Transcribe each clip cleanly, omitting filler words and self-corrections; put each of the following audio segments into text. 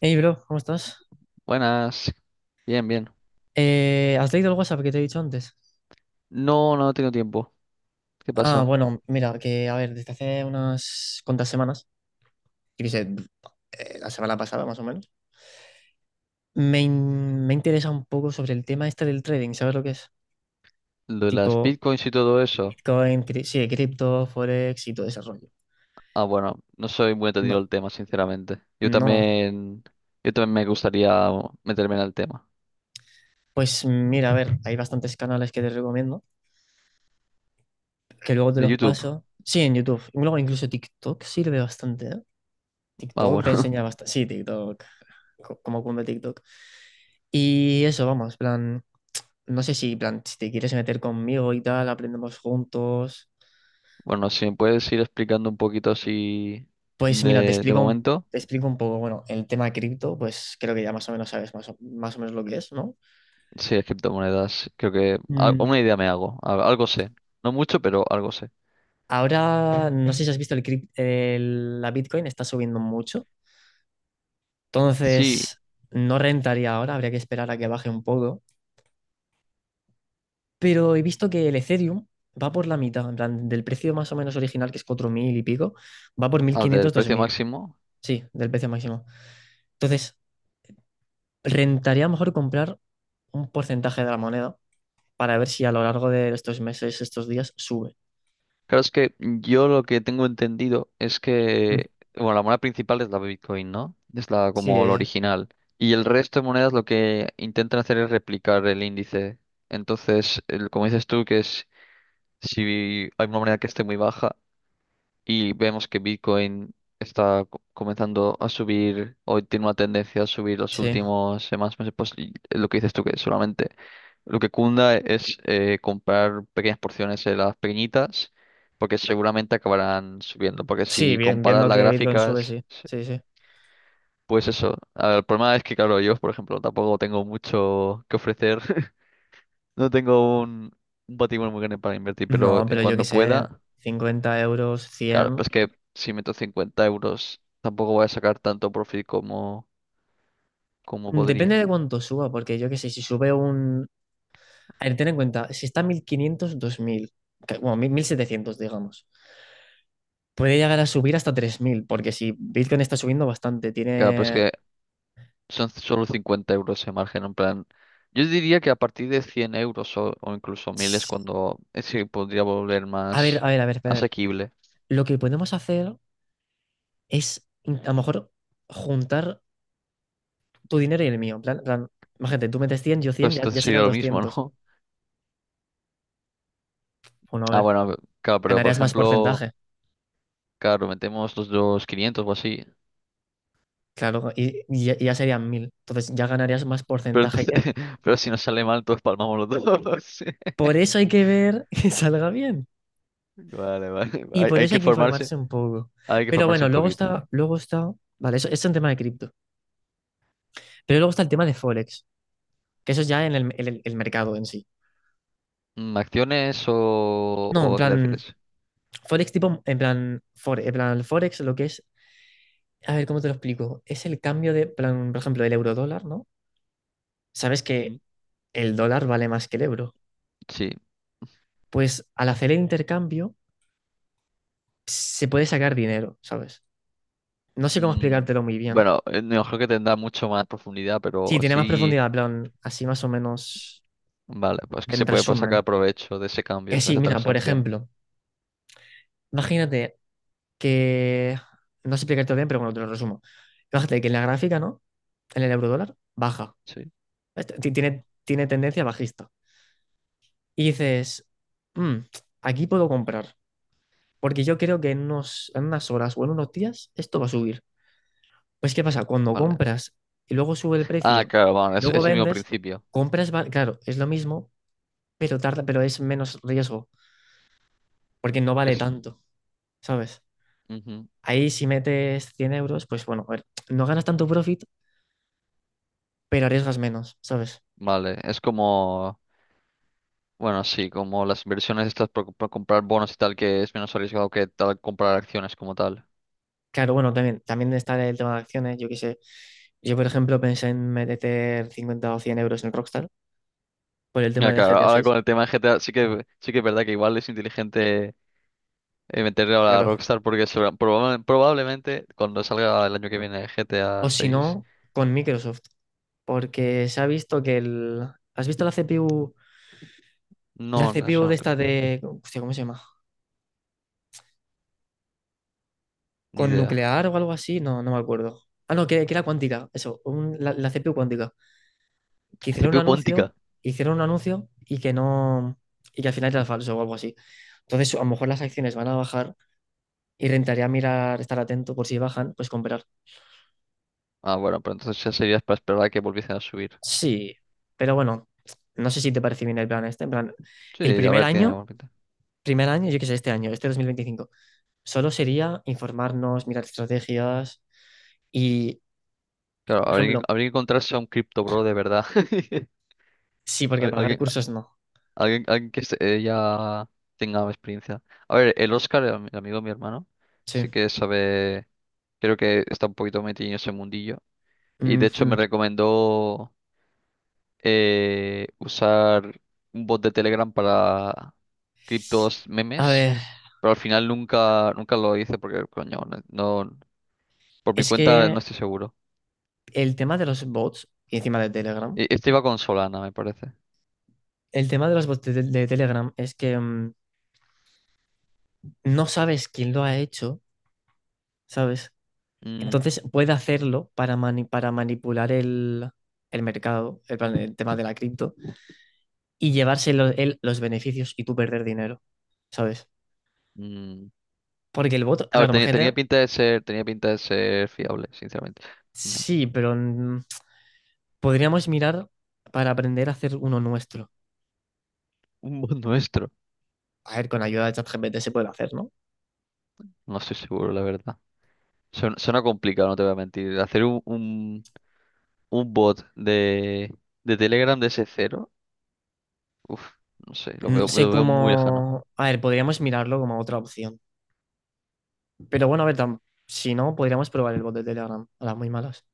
Hey, bro, ¿cómo estás? Buenas, bien, bien. ¿Has leído el WhatsApp que te he dicho antes? No, no he tenido tiempo. ¿Qué Ah, pasa? bueno, mira, que a ver, desde hace unas cuantas semanas, yo qué sé, la semana pasada más o menos, me interesa un poco sobre el tema este del trading, ¿sabes lo que es? Lo de las Tipo bitcoins y todo eso. Bitcoin, sí, cripto, Forex y todo ese rollo. Ah, bueno, no soy muy entendido No, el tema, sinceramente. No. Yo también me gustaría meterme en el tema. Pues mira, a ver, hay bastantes canales que te recomiendo, que luego te De los YouTube. paso. Sí, en YouTube. Luego incluso TikTok sirve bastante, ¿eh? Ah, TikTok te bueno. enseña bastante. Sí, TikTok. Como cunde TikTok. Y eso, vamos, plan, no sé si, plan, si te quieres meter conmigo y tal, aprendemos juntos. Bueno, si me puedes ir explicando un poquito así Pues mira, de momento. te explico un poco, bueno, el tema cripto, pues creo que ya más o menos sabes más o menos lo que es, ¿no? Sí, las criptomonedas. Creo que Mm. una idea me hago. Algo sé. No mucho, pero algo sé. Ahora, no sé si has visto la Bitcoin, está subiendo mucho. Sí, Entonces no rentaría ahora, habría que esperar a que baje un poco, pero he visto que el Ethereum va por la mitad, en plan, del precio más o menos original, que es 4.000 y pico, va por mil al del quinientos dos precio mil máximo. Sí, del precio máximo. Entonces, rentaría mejor comprar un porcentaje de la moneda para ver si a lo largo de estos meses, estos días, sube. Claro, es que yo lo que tengo entendido es Mm. que, bueno, la moneda principal es la Bitcoin, ¿no? Es la Sí, como la original. Y el resto de monedas lo que intentan hacer es replicar el índice. Entonces, como dices tú, que es si hay una moneda que esté muy baja, y vemos que Bitcoin está comenzando a subir, hoy tiene una tendencia a subir los sí. últimos semanas, meses, pues y lo que dices tú, que solamente lo que cunda es comprar pequeñas porciones de las pequeñitas, porque seguramente acabarán subiendo, porque Sí, si bien, comparas viendo las que Bitcoin sube, gráficas, sí. se- Sí, sí. pues eso, a ver, el problema es que, claro, yo, por ejemplo, tampoco tengo mucho que ofrecer. No tengo un patrimonio muy grande para invertir, pero No, en pero yo qué cuando sé, pueda. 50 euros, Claro, cien. pero es que si meto 50 euros tampoco voy a sacar tanto profit como Depende podría. de cuánto suba, porque yo qué sé, si sube un... A ver, ten en cuenta, si está a 1500, 2000, bueno, 1.700 digamos. Puede llegar a subir hasta 3.000 porque si Bitcoin está subiendo bastante, Claro, pero es tiene... que son solo 50 euros de margen, en plan. Yo diría que a partir de 100 euros o incluso 1000 es cuando se podría volver A ver, a más ver, a ver, espera. asequible. Lo que podemos hacer es, a lo mejor, juntar tu dinero y el mío. En plan, imagínate, tú metes 100 yo 100 Pues ya, entonces ya serían sería lo mismo, 200. ¿no? Bueno, a Ah, ver, bueno, claro, pero por ganarías más ejemplo, porcentaje. claro, metemos los dos 500 o así. Claro, y ya serían 1.000. Entonces ya ganarías más Pero porcentaje entonces, que... pero si nos sale mal, todos palmamos los dos. Por eso hay que ver que salga bien. Vale, vale. Vale. Y Hay, por hay eso hay que que formarse, informarse un poco. hay que Pero formarse bueno, un luego poquito. está, luego está... Vale, eso es un tema de cripto. Pero luego está el tema de Forex, que eso es ya en el mercado en sí. ¿Acciones o, No, en o a qué te plan, refieres? Forex tipo, en plan, en plan, el Forex, lo que es. A ver, ¿cómo te lo explico? Es el cambio de, plan, por ejemplo, del euro-dólar, ¿no? Sabes que Mm. el dólar vale más que el euro. Sí. Pues al hacer el intercambio se puede sacar dinero, ¿sabes? No sé cómo Mm, explicártelo muy bien. bueno, no creo que tendrá mucho más profundidad, Sí, pero tiene más sí. profundidad, plan, así más o menos Vale, pues que se en puede pues, resumen. sacar provecho de ese Que cambio, de sí, esa mira, por transacción. ejemplo, imagínate que, no sé explicártelo bien, pero bueno, te lo resumo. Imagínate que en la gráfica, ¿no? En el euro-dólar baja. Sí, Tiene tendencia bajista. Y dices: "Mm, aquí puedo comprar. Porque yo creo que en unas horas o en unos días esto va a subir". Pues ¿qué pasa? Cuando vale. compras y luego sube el Ah, precio, claro, bueno, es, luego es el mismo vendes, principio. compras, claro, es lo mismo, pero tarda, pero es menos riesgo, porque no vale Es, tanto, ¿sabes? ujú, Ahí si metes 100 euros, pues bueno, a ver, no ganas tanto profit, pero arriesgas menos, ¿sabes? vale, es como. Bueno, sí, como las inversiones estas por comprar bonos y tal, que es menos arriesgado que tal comprar acciones como tal. Claro, bueno, también está el tema de acciones, yo qué sé. Yo, por ejemplo, pensé en meter 50 o 100 euros en Rockstar por el tema Mira, de claro, GTA ahora 6. con el tema de G GTA sí que es verdad que igual es inteligente. Y meterle ahora a Claro. Rockstar porque probablemente cuando salga el año que viene O GTA si 6. no, con Microsoft. Porque se ha visto que el... ¿Has visto la CPU? La No, no, eso CPU de no tengo esta de... Hostia, ¿cómo se llama? ni ¿Con idea. nuclear o algo así? No, no me acuerdo. Ah, no, que era cuántica. Eso, la CPU cuántica. Que CPU cuántica. hicieron un anuncio y que no... Y que al final era falso o algo así. Entonces, a lo mejor las acciones van a bajar y rentaría mirar, estar atento por si bajan, pues comprar. Ah, bueno, pero entonces ya sería para esperar a que volviesen a subir. Sí, pero bueno, no sé si te parece bien el plan este. En plan, Sí, el a ver, tiene buena pinta. primer año, yo que sé, este año, este 2025 solo sería informarnos, mirar estrategias y, Claro, por habría que, ejemplo, habría que encontrarse a un cripto bro de verdad. sí, porque Al- pagar Alguien, cursos no. alguien que ya tenga experiencia. A ver, el Oscar, el amigo de mi hermano, Sí. sí que sabe, creo que está un poquito metido en ese mundillo. Y de hecho me Ujú. recomendó usar un bot de Telegram para criptos A memes, ver, pero al final nunca lo hice porque, coño, no- por mi es cuenta no que estoy seguro. el tema de los bots, y encima de Telegram, Este iba con Solana, me parece. el tema de los bots de Telegram es que no sabes quién lo ha hecho, ¿sabes? Mm, Entonces puede hacerlo para, para manipular el mercado, el tema de la cripto, y llevarse él los beneficios y tú perder dinero, ¿sabes? mm. Porque el voto, A ver, claro, tenía majete, pinta de ser, fiable, sinceramente. Me- sí, pero podríamos mirar para aprender a hacer uno nuestro. un bot nuestro. A ver, con ayuda de ChatGPT se puede hacer, ¿no? No estoy seguro, la verdad. Suena complicado, no te voy a mentir. Hacer un bot de Telegram de ese cero, uf, no sé, lo No veo, sé lo veo muy lejano. cómo. A ver, podríamos mirarlo como otra opción. Pero bueno, a ver, si no, podríamos probar el bot de Telegram a las muy malas.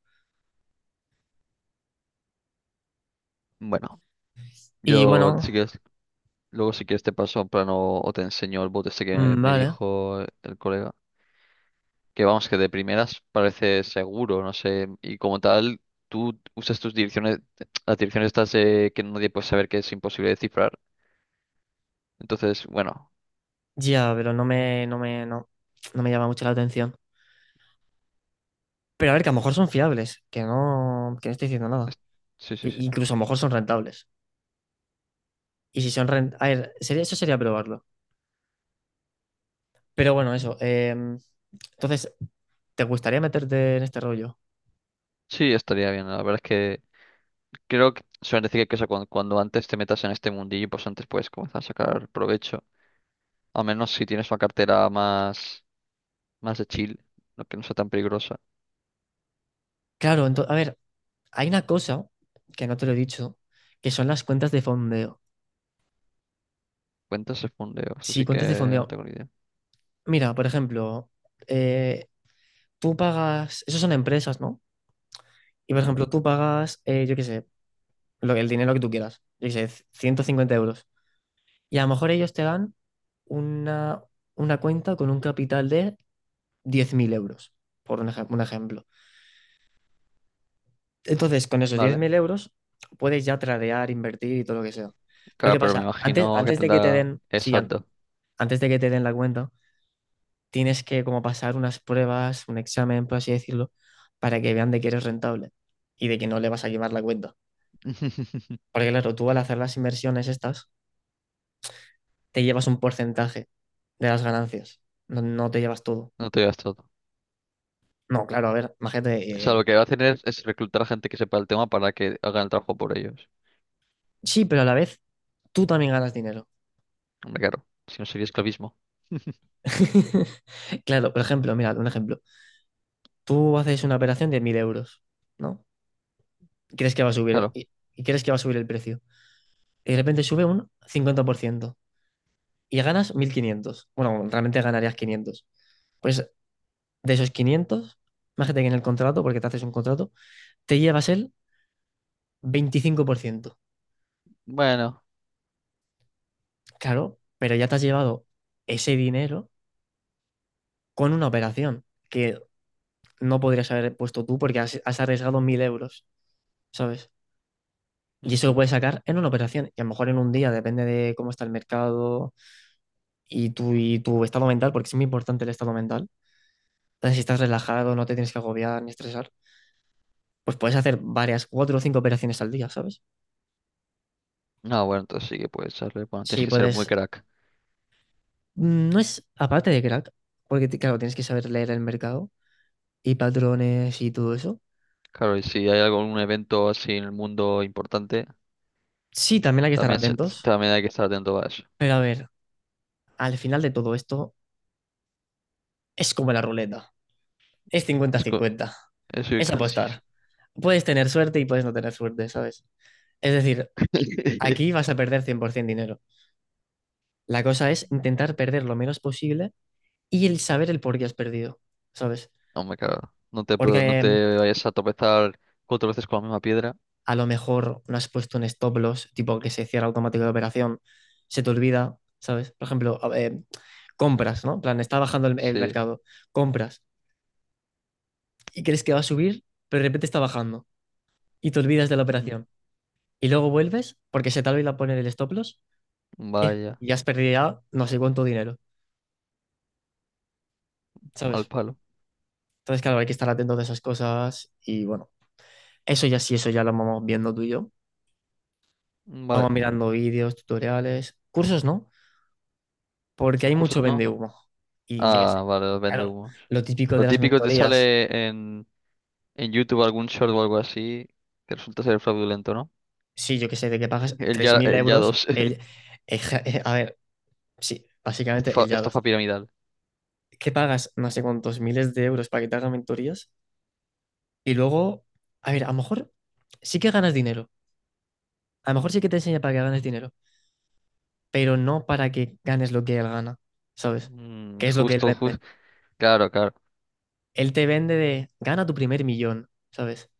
Bueno. Y Yo, bueno, si quieres, luego si quieres te paso en plano o te enseño el bot este que me vale. dijo el colega. Que vamos, que de primeras parece seguro, no sé. Y como tal, tú usas tus direcciones, las direcciones estas que nadie puede saber que es imposible descifrar. Entonces, bueno, Ya, pero no me llama mucho la atención. Pero a ver, que a lo mejor son fiables, que no estoy diciendo nada. es- sí, sí, sí. Incluso a lo mejor son rentables. Y si son rentables. A ver, eso sería probarlo. Pero bueno, eso. Entonces, ¿te gustaría meterte en este rollo? Sí, estaría bien. La verdad es que creo que suelen decir que eso, cuando, antes te metas en este mundillo, pues antes puedes comenzar a sacar provecho. A menos si tienes una cartera más de chill, no que no sea tan peligrosa. Claro, a ver, hay una cosa que no te lo he dicho, que son las cuentas de fondeo. Cuentas de fondeo, eso Si sí que cuentas de no fondeo, tengo ni idea. mira, por ejemplo, eh, tú pagas, esos son empresas, ¿no? Y por Ujú. ejemplo, tú pagas, yo qué sé, el dinero que tú quieras, yo qué sé, 150 euros. Y a lo mejor ellos te dan una, una cuenta con un capital de 10.000 euros, por un, un ejemplo. Entonces, con esos diez Vale, mil euros puedes ya tradear, invertir y todo lo que sea. Pero ¿qué claro, pero me pasa? Antes, imagino que antes de que te tendrá den, sí, exacto. antes de que te den la cuenta, tienes que como pasar unas pruebas, un examen, por así decirlo, para que vean de que eres rentable y de que no le vas a llevar la cuenta. Porque claro, tú al hacer las inversiones estas, te llevas un porcentaje de las ganancias. No, no te llevas todo. No te digas todo. No, claro, a ver, O imagínate, sea, lo que va a hacer es reclutar a gente que sepa el tema para que hagan el trabajo por ellos. sí, pero a la vez tú también ganas dinero. Hombre, claro, si no sería esclavismo. Claro, por ejemplo, mira, un ejemplo. Tú haces una operación de 1.000 euros, ¿no? Y crees que va a subir, Claro. Crees que va a subir el precio. Y de repente sube un 50% y ganas 1.500. Bueno, realmente ganarías 500. Pues de esos 500, imagínate que en el contrato, porque te haces un contrato, te llevas el 25%. Bueno. Claro, pero ya te has llevado ese dinero con una operación que no podrías haber puesto tú porque has arriesgado 1.000 euros, ¿sabes? Y eso lo Ujú. puedes sacar en una operación. Y a lo mejor en un día, depende de cómo está el mercado, y tu estado mental, porque es muy importante el estado mental. Entonces, si estás relajado, no te tienes que agobiar ni estresar, pues puedes hacer varias, cuatro o cinco operaciones al día, ¿sabes? Ah, bueno, entonces sí que puedes echarle. Bueno, tienes Si que ser muy puedes, crack. No es aparte de crack, porque claro, tienes que saber leer el mercado y patrones y todo eso. Claro, y si hay algún evento así en el mundo importante, Sí, también hay que estar también, se- atentos, también hay que estar atento a eso. pero a ver, al final de todo esto es como la ruleta, es cincuenta Es cincuenta, eso y es casi. apostar. Puedes tener suerte y puedes no tener suerte, ¿sabes? Es decir, aquí vas a perder 100% dinero. La cosa es intentar perder lo menos posible y el saber el por qué has perdido, ¿sabes? No me cago. No te, Porque pro- no te vayas a tropezar cuatro veces con la misma piedra. a lo mejor no has puesto un stop loss, tipo que se cierra automático la operación, se te olvida, ¿sabes? Por ejemplo, compras, ¿no? En plan, está bajando el Sí. mercado, compras y crees que va a subir, pero de repente está bajando y te olvidas de la Ujú. operación. Y luego vuelves porque se te olvida poner el stop loss, ¿qué? Vaya, Y has perdido ya no sé cuánto dinero, mal ¿sabes? palo. Entonces, claro, hay que estar atento de esas cosas y bueno. Eso ya sí, eso ya lo vamos viendo tú y yo. Vale. Vamos mirando vídeos, tutoriales, cursos, ¿no? Porque hay Recursos mucho no. vende humo. Y yo qué Ah, sé, vale, los vende claro, humos. lo típico Lo de las típico te mentorías, sale en YouTube algún short o algo así que resulta ser fraudulento, ¿no? sí, yo qué sé, de que pagas El tres ya, mil el ya euros, 2. el, a ver, sí, básicamente Estafa, el YADOS, estafa piramidal. que pagas no sé cuántos miles de euros para que te hagan mentorías y luego, a ver, a lo mejor sí que ganas dinero, a lo mejor sí que te enseña para que ganes dinero, pero no para que ganes lo que él gana, ¿sabes? Mm, Que es lo que él justo, justo. vende. Claro, claro. Él te vende de gana tu primer millón, ¿sabes?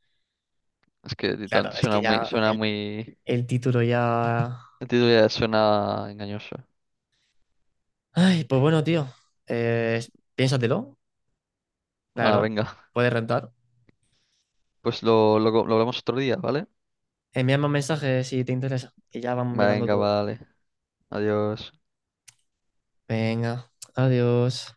Es que de Claro, tanto es que suena muy, ya suena el, muy. el título ya. El título ya suena engañoso. Ay, pues bueno, tío. eh, Piénsatelo, la Ah, verdad. venga. Puedes rentar. Pues lo hablamos otro día, ¿vale? Envíame un mensaje si te interesa. Y ya vamos mirando Venga, todo. vale. Adiós. Venga, adiós.